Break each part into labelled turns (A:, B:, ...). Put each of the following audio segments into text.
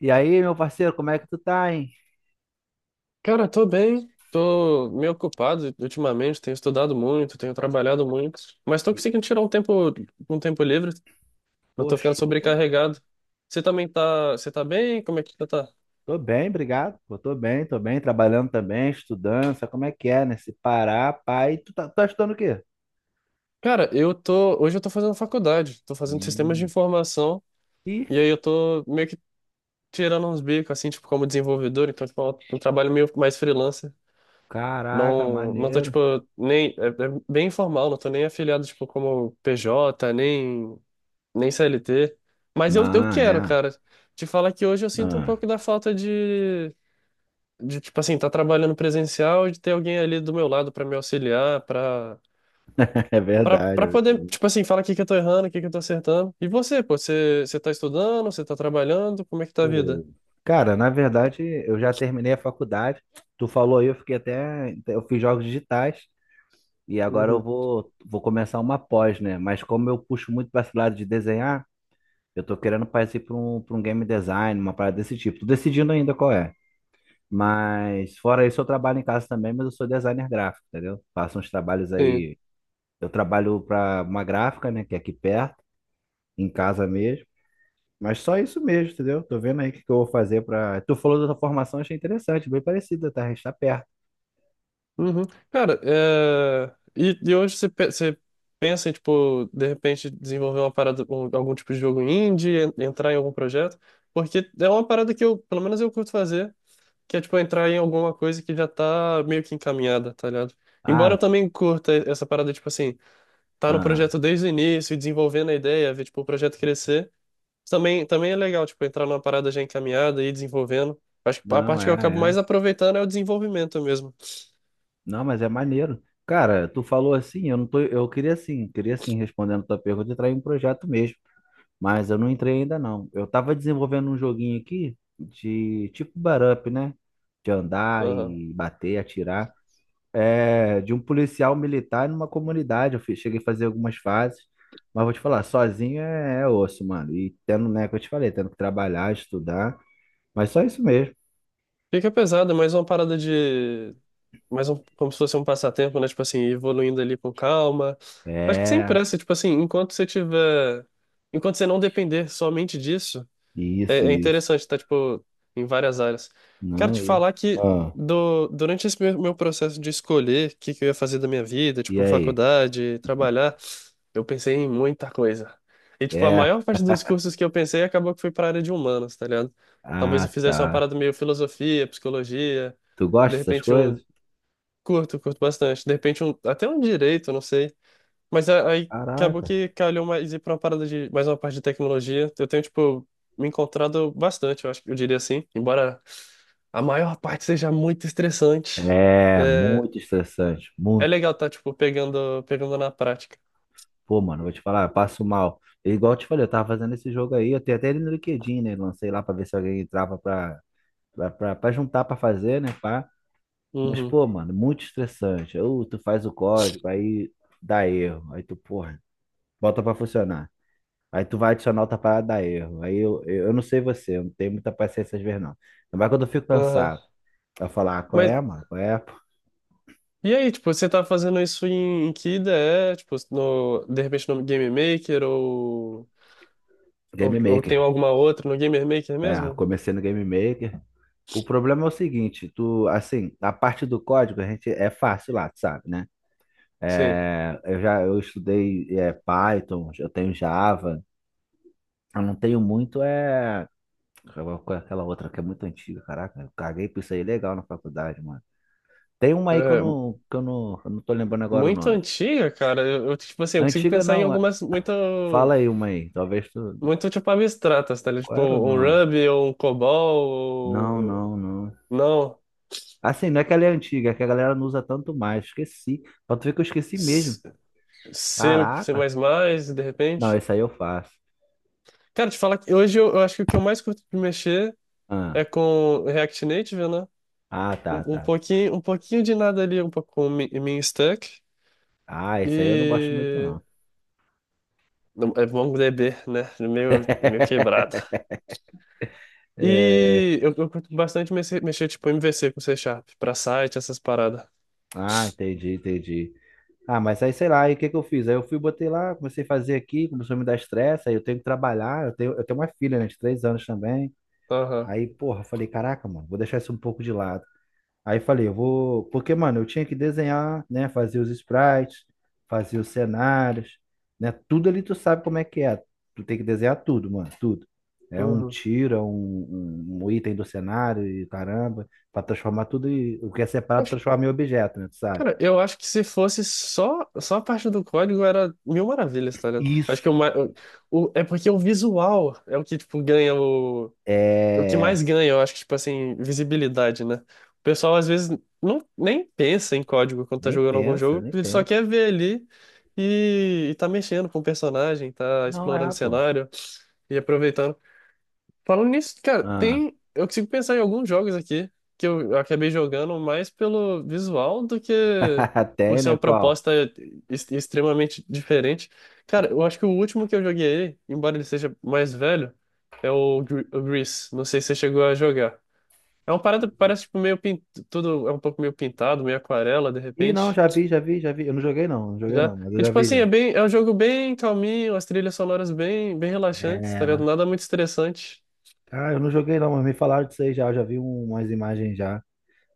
A: E aí, meu parceiro, como é que tu tá, hein?
B: Cara, tô bem, tô meio ocupado ultimamente, tenho estudado muito, tenho trabalhado muito, mas tô
A: E,
B: conseguindo tirar um tempo livre, não
A: pô,
B: tô ficando
A: show.
B: sobrecarregado. Você tá bem? Como é que você tá?
A: Tô bem, obrigado. Pô, tô bem, trabalhando também, estudando, sabe como é que é, né? Se parar, pai, tu tá estudando o quê?
B: Cara, hoje eu tô fazendo faculdade, tô fazendo sistemas de
A: Hum.
B: informação,
A: Ih,
B: e aí eu tô meio que tirando uns bicos, assim, tipo, como desenvolvedor, então, tipo, é um trabalho meio mais freelancer.
A: caraca,
B: Não, não tô,
A: maneiro.
B: tipo, nem, é bem informal, não tô nem afiliado, tipo, como PJ, nem CLT. Mas eu
A: Ah,
B: quero,
A: é.
B: cara. Te falar que hoje eu sinto um
A: Ah,
B: pouco da falta de tipo assim, tá trabalhando presencial, de ter alguém ali do meu lado pra me auxiliar, pra
A: é
B: para
A: verdade. É
B: para poder,
A: verdade.
B: tipo assim, falar o que que eu tô errando, o que que eu tô acertando. E você, pô, você tá estudando, você tá trabalhando, como é que tá a vida?
A: Pô, cara, na verdade, eu já terminei a faculdade. Tu falou aí, eu fiquei até. Eu fiz jogos digitais e agora eu
B: Uhum.
A: vou começar uma pós, né? Mas como eu puxo muito para esse lado de desenhar. Eu tô querendo partir pra um game design, uma parada desse tipo. Tô decidindo ainda qual é. Mas fora isso, eu trabalho em casa também, mas eu sou designer gráfico, entendeu? Faço uns trabalhos
B: Sim.
A: aí. Eu trabalho para uma gráfica, né, que é aqui perto, em casa mesmo. Mas só isso mesmo, entendeu? Tô vendo aí o que que eu vou fazer para. Tu falou da tua formação, achei interessante, bem parecida, tá? A gente tá perto.
B: Uhum. Cara, e hoje você pensa em, tipo, de repente desenvolver uma parada, algum tipo de jogo indie, entrar em algum projeto? Porque é uma parada que eu, pelo menos eu curto fazer, que é, tipo, entrar em alguma coisa que já tá meio que encaminhada, tá ligado? Embora eu
A: Ah,
B: também curta essa parada, tipo assim, tá no
A: ah,
B: projeto desde o início, e desenvolvendo a ideia, ver, tipo, o projeto crescer, também é legal, tipo, entrar numa parada já encaminhada e ir desenvolvendo. Acho que a
A: não,
B: parte que
A: é,
B: eu acabo mais
A: é.
B: aproveitando é o desenvolvimento
A: Não, mas é maneiro. Cara, tu falou assim, eu não tô, eu queria assim, respondendo a tua pergunta, entrar em um projeto mesmo. Mas eu não entrei ainda não. Eu tava desenvolvendo um joguinho aqui de tipo Barup, né? De andar
B: mesmo.
A: e bater, atirar. É, de um policial militar numa comunidade. Eu cheguei a fazer algumas fases. Mas vou te falar, sozinho é osso, mano. E tendo, né, que eu te falei, tendo que trabalhar, estudar. Mas só isso mesmo.
B: Fica pesado, é mais uma parada de. Mais um, como se fosse um passatempo, né? Tipo assim, evoluindo ali com calma. Acho que sem
A: É,
B: pressa, tipo assim, enquanto você tiver. Enquanto você não depender somente disso, é,
A: isso,
B: é
A: isso.
B: interessante, tá? Tipo, em várias áreas. Quero
A: Não,
B: te
A: e.
B: falar que
A: Ah,
B: durante esse meu processo de escolher o que, que eu ia fazer da minha vida,
A: e
B: tipo,
A: aí?
B: faculdade, trabalhar, eu pensei em muita coisa. E, tipo, a
A: É.
B: maior parte dos cursos que eu pensei acabou que foi pra área de humanas, tá ligado? Talvez eu
A: Ah,
B: fizesse uma
A: tá.
B: parada meio filosofia, psicologia,
A: Tu
B: de
A: gosta dessas
B: repente um.
A: coisas?
B: Curto bastante. De repente até um direito, não sei. Mas aí acabou
A: Caraca.
B: que calhou mais ir pra uma parada de. Mais uma parte de tecnologia. Eu tenho, tipo, me encontrado bastante, eu acho que eu diria assim. Embora a maior parte seja muito estressante,
A: É
B: é,
A: muito estressante,
B: é
A: muito.
B: legal tá, tipo, pegando na prática.
A: Pô, mano, vou te falar, eu passo mal. É igual eu te falei, eu tava fazendo esse jogo aí, eu tenho até ele no LinkedIn, né? Lancei lá pra ver se alguém entrava pra juntar pra fazer, né? Pá. Mas,
B: Uhum.
A: pô, mano, muito estressante. Ou tu faz o código, aí dá erro. Aí tu, porra, bota pra funcionar. Aí tu vai adicionar outra parada, dá erro. Aí eu não sei você, eu não tenho muita paciência às vezes, não. Mas quando eu fico
B: Aham.
A: cansado, eu falo, ah, qual
B: Mas
A: é, mano? Qual é? Pô?
B: E aí, tipo, você tá fazendo isso em que ideia? Tipo, no, de repente no Game Maker ou,
A: Game
B: ou, ou tem
A: Maker.
B: alguma outra no Game Maker
A: É, eu
B: mesmo?
A: comecei no Game Maker. O problema é o seguinte, tu, assim, a parte do código a gente é fácil lá, tu sabe, né?
B: Sim.
A: É, eu estudei Python, eu tenho Java, eu não tenho muito aquela outra que é muito antiga, caraca, eu caguei por isso aí legal na faculdade, mano. Tem uma aí que eu
B: É,
A: não que eu não, eu não tô lembrando agora o
B: muito
A: nome.
B: antiga, cara. Tipo assim, eu consigo
A: Antiga
B: pensar em
A: não,
B: algumas
A: fala
B: muito,
A: aí uma aí, talvez tu.
B: muito tipo abstratas, tá ligado?
A: Qual
B: Tipo,
A: era o
B: um
A: nome?
B: Ruby ou um COBOL
A: Não,
B: ou...
A: não, não.
B: Não.
A: Assim, não é que ela é antiga, é que a galera não usa tanto mais, esqueci. Pra tu ver que eu esqueci mesmo.
B: C,
A: Caraca.
B: C++, de
A: Não,
B: repente.
A: esse aí eu faço.
B: Cara, te falar que hoje eu acho que o que eu mais curto de mexer
A: Ah,
B: é com React Native, né?
A: ah, tá,
B: Um
A: tá.
B: pouquinho, um pouquinho de nada ali, um pouco com Mean Stuck
A: Ah, esse aí eu não gosto muito,
B: e
A: não.
B: não, é MongoDB, né? É meio quebrado.
A: É.
B: E eu curto bastante mexer tipo MVC com C# pra site, essas paradas.
A: Ah, entendi, entendi. Ah, mas aí sei lá, aí o que que eu fiz? Aí eu fui, botei lá, comecei a fazer aqui, começou a me dar estresse, aí eu tenho que trabalhar, eu tenho uma filha, né, de 3 anos também.
B: Aham.
A: Aí, porra, eu falei, caraca, mano, vou deixar isso um pouco de lado. Aí falei, eu vou. Porque, mano, eu tinha que desenhar, né? Fazer os sprites, fazer os cenários, né? Tudo ali tu sabe como é que é. Tu tem que desenhar tudo, mano, tudo. É um
B: Uhum.
A: tiro, é um item do cenário e caramba, pra transformar tudo e o que é separado
B: Acho-
A: transformar em objeto, né? Tu sabe?
B: Cara, eu acho que se fosse só a parte do código era mil maravilhas, tá ligado?
A: Isso.
B: Acho que é porque o visual é o que
A: É.
B: mais ganha, eu acho que, tipo assim, visibilidade, né? O pessoal às vezes não, nem pensa em código quando tá
A: Nem
B: jogando algum
A: pensa,
B: jogo,
A: nem
B: ele só
A: pensa.
B: quer ver ali e tá mexendo com o personagem, tá
A: Não
B: explorando o
A: é, pô.
B: cenário e aproveitando. Falando nisso, cara,
A: Ah.
B: tem. Eu consigo pensar em alguns jogos aqui que eu acabei jogando mais pelo visual do que por
A: Tem,
B: ser
A: né?
B: uma
A: Qual?
B: proposta extremamente diferente. Cara, eu acho que o último que eu joguei, embora ele seja mais velho, é o Grease. Não sei se você chegou a jogar. É uma parada que parece tipo, meio tudo é um pouco meio pintado, meio aquarela, de
A: Ih, não,
B: repente.
A: já vi, já vi, já vi. Eu não joguei, não, não joguei, não,
B: Já.
A: mas eu
B: E
A: já
B: tipo
A: vi
B: assim,
A: já.
B: é um jogo bem calminho, as trilhas sonoras bem, bem relaxantes, tá ligado?
A: É.
B: Nada muito estressante.
A: Ah, eu não joguei não, mas me falaram disso aí já, eu já vi umas imagens já.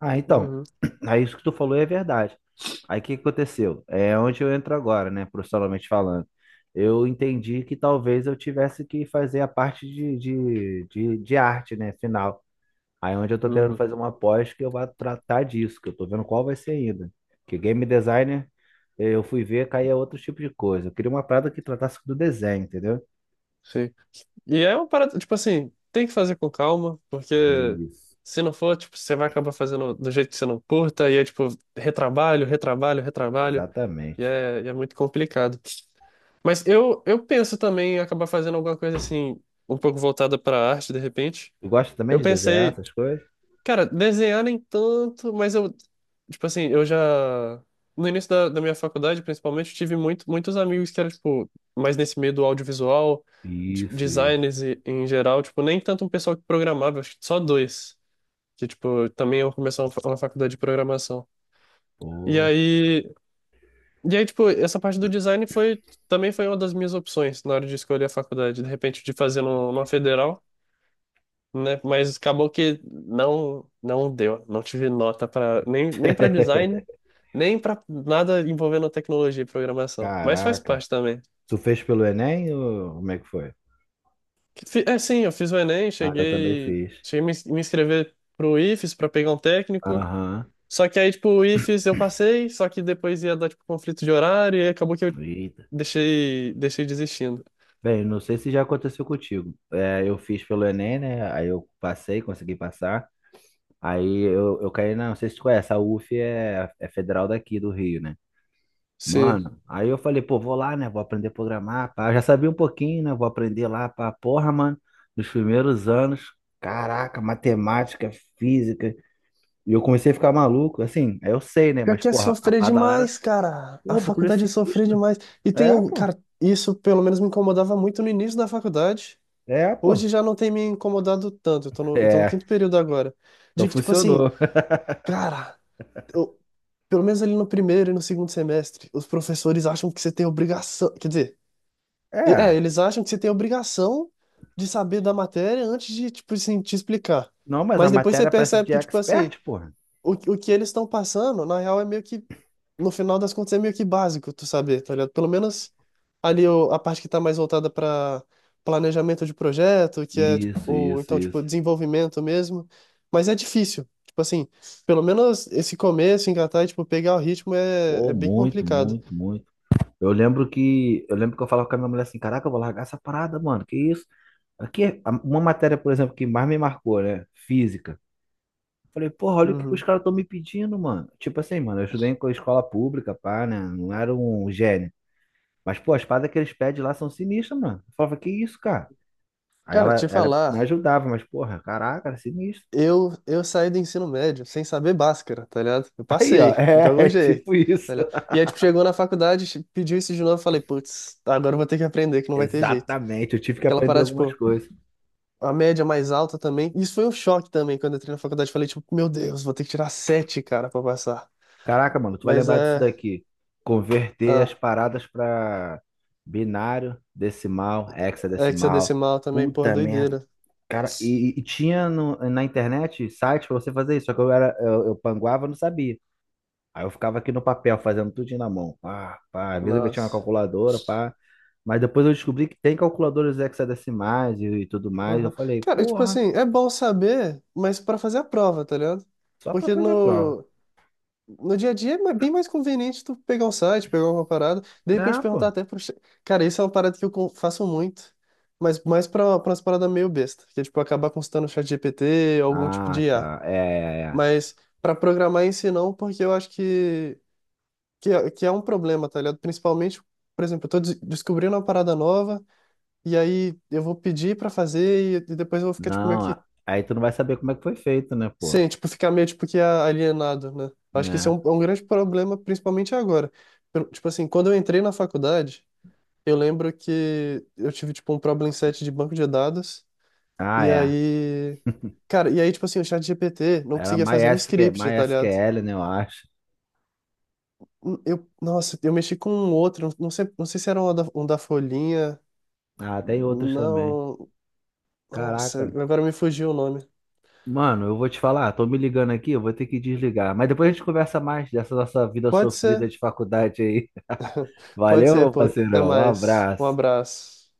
A: Ah, então,
B: Uhum,
A: aí isso que tu falou é verdade. Aí o que que aconteceu? É onde eu entro agora, né, profissionalmente falando. Eu entendi que talvez eu tivesse que fazer a parte de arte, né, final. Aí é onde eu tô querendo
B: uhum.
A: fazer uma pós que eu vá tratar disso, que eu tô vendo qual vai ser ainda. Que game designer, eu fui ver, caía outro tipo de coisa. Eu queria uma parada que tratasse do desenho, entendeu?
B: Sim. E é uma parada, tipo assim, tem que fazer com calma, porque
A: Isso.
B: se não for, tipo, você vai acabar fazendo do jeito que você não curta, e é tipo, retrabalho, retrabalho, retrabalho, e
A: Exatamente.
B: é, e é muito complicado. Mas eu penso também em acabar fazendo alguma coisa assim, um pouco voltada para arte, de repente.
A: Tu gosta também
B: Eu
A: de desenhar
B: pensei,
A: essas coisas?
B: Cara, desenhar nem tanto, mas eu, tipo assim, eu já. No início da minha faculdade, principalmente, eu tive muitos amigos que eram, tipo, mais nesse meio do audiovisual, de-
A: Isso, isso.
B: designers em geral, tipo, nem tanto um pessoal que programava, acho que só dois. Que, tipo, também eu comecei uma faculdade de programação. E
A: Pô.
B: aí, e aí, tipo, essa parte do design foi, também foi uma das minhas opções na hora de escolher a faculdade. De repente, de fazer numa federal, né? Mas acabou que não deu, não tive nota para nem para design, nem para nada envolvendo tecnologia e programação. Mas faz
A: Caraca.
B: parte também.
A: Tu fez pelo Enem ou como é que foi?
B: É, sim, eu fiz o Enem,
A: Ah, eu também
B: cheguei
A: fiz.
B: cheguei a me inscrever pro IFES para pegar um técnico.
A: Aham.
B: Só que aí tipo o IFES eu passei, só que depois ia dar tipo conflito de horário e acabou que eu
A: Eita.
B: deixei desistindo.
A: Bem, não sei se já aconteceu contigo. É, eu fiz pelo Enem, né? Aí eu passei, consegui passar. Aí eu caí na, não sei se tu conhece, a UF é federal daqui do Rio, né?
B: Sim.
A: Mano, aí eu falei, pô, vou lá, né? Vou aprender a programar, pá. Eu já sabia um pouquinho, né? Vou aprender lá, pá. Porra, mano, nos primeiros anos, caraca, matemática, física. E eu comecei a ficar maluco, assim, aí eu sei, né?
B: Pior
A: Mas,
B: que é
A: porra, a
B: sofrer
A: pedalada,
B: demais, cara.
A: pô,
B: A
A: o bagulho é
B: faculdade é sofrer
A: sinistro.
B: demais. E tem
A: É,
B: o.
A: pô.
B: Cara, isso pelo menos me incomodava muito no início da faculdade.
A: É, pô.
B: Hoje já não tem me incomodado tanto. Eu tô no
A: É,
B: quinto período agora.
A: então
B: De que, tipo assim,
A: funcionou.
B: cara, eu- pelo menos ali no primeiro e no segundo semestre, os professores acham que você tem obrigação. Quer dizer,
A: É.
B: eles acham que você tem obrigação de saber da matéria antes de, tipo assim, te explicar.
A: Não, mas a
B: Mas depois você
A: matéria parece
B: percebe
A: de
B: que, tipo assim,
A: expert, porra.
B: o que eles estão passando, na real, é meio que no final das contas é meio que básico tu saber, tá ligado? Pelo menos ali a parte que tá mais voltada para planejamento de projeto, que é, tipo,
A: Isso,
B: ou
A: isso,
B: então, tipo,
A: isso.
B: desenvolvimento mesmo. Mas é difícil. Tipo assim, pelo menos esse começo, engatar e, tipo, pegar o ritmo é,
A: Pô,
B: é bem
A: muito,
B: complicado.
A: muito, muito. Eu lembro que eu falava com a minha mulher assim, caraca, eu vou largar essa parada, mano. Que isso? Aqui, é uma matéria, por exemplo, que mais me marcou, né? Física. Falei, porra, olha o que que os
B: Uhum.
A: caras estão me pedindo, mano. Tipo assim, mano, eu estudei em escola pública, pá, né? Não era um gênio. Mas, pô, as paradas que eles pedem lá são sinistras, mano. Eu falava, que isso, cara? Aí
B: Cara,
A: ela,
B: te
A: ela me
B: falar,
A: ajudava, mas, porra, caraca, era sinistro.
B: eu saí do ensino médio sem saber Bhaskara, tá ligado? Eu
A: Aí, ó,
B: passei, de
A: é,
B: algum
A: é
B: jeito.
A: tipo isso.
B: Tá ligado? E aí, tipo, chegou na faculdade, pediu isso de novo, eu falei, putz, agora eu vou ter que aprender, que não vai ter jeito.
A: Exatamente, eu tive que
B: Aquela
A: aprender
B: parada,
A: algumas
B: tipo,
A: coisas.
B: a média mais alta também. Isso foi um choque também quando eu entrei na faculdade. Falei, tipo, meu Deus, vou ter que tirar sete, cara, pra passar.
A: Caraca, mano, tu vai
B: Mas
A: lembrar disso
B: é.
A: daqui. Converter as
B: Ah,
A: paradas pra binário, decimal, hexadecimal.
B: hexadecimal também, porra,
A: Puta merda.
B: doideira.
A: Cara, e tinha na internet sites pra você fazer isso, só que eu era, eu panguava, não sabia. Aí eu ficava aqui no papel, fazendo tudinho na mão. Pá, pá. Às vezes eu metia uma
B: Nossa.
A: calculadora, pá. Mas depois eu descobri que tem calculadoras hexadecimais e tudo mais. Eu
B: Aham.
A: falei,
B: Cara, tipo
A: porra,
B: assim, é bom saber, mas pra fazer a prova, tá ligado?
A: só pra
B: Porque
A: fazer a prova.
B: no dia a dia é bem mais conveniente tu pegar um site, pegar uma parada, de repente
A: Não,
B: perguntar
A: pô.
B: até pro. Cara, isso é uma parada que eu faço muito. Mas mais pra umas paradas meio besta, que é tipo acabar consultando o chat GPT, algum tipo
A: Ah,
B: de IA.
A: tá. É, é, é.
B: Mas para programar em si não, porque eu acho que, que é um problema, tá ligado? Principalmente, por exemplo, eu tô descobrindo uma parada nova e aí eu vou pedir para fazer e depois eu vou ficar tipo meio que
A: Não, aí tu não vai saber como é que foi feito, né, pô?
B: sem, tipo, ficar meio tipo que alienado, né? Acho que isso é
A: Né?
B: um, é um grande problema, principalmente agora. Tipo assim, quando eu entrei na faculdade, eu lembro que eu tive tipo um problem set de banco de dados
A: Ah,
B: e
A: é.
B: aí, cara, e aí tipo assim, o chat GPT não
A: Era
B: conseguia fazer um
A: MySQL,
B: script, tá ligado?
A: MySQL, né, eu acho.
B: Nossa, eu mexi com um outro, não sei se era um da Folhinha,
A: Ah, tem outras também.
B: não, nossa,
A: Caraca.
B: agora me fugiu o nome.
A: Mano, eu vou te falar, tô me ligando aqui, eu vou ter que desligar. Mas depois a gente conversa mais dessa nossa vida
B: Pode
A: sofrida
B: ser,
A: de faculdade aí.
B: pode ser,
A: Valeu,
B: pô, até
A: parceirão. Um
B: mais, um
A: abraço.
B: abraço.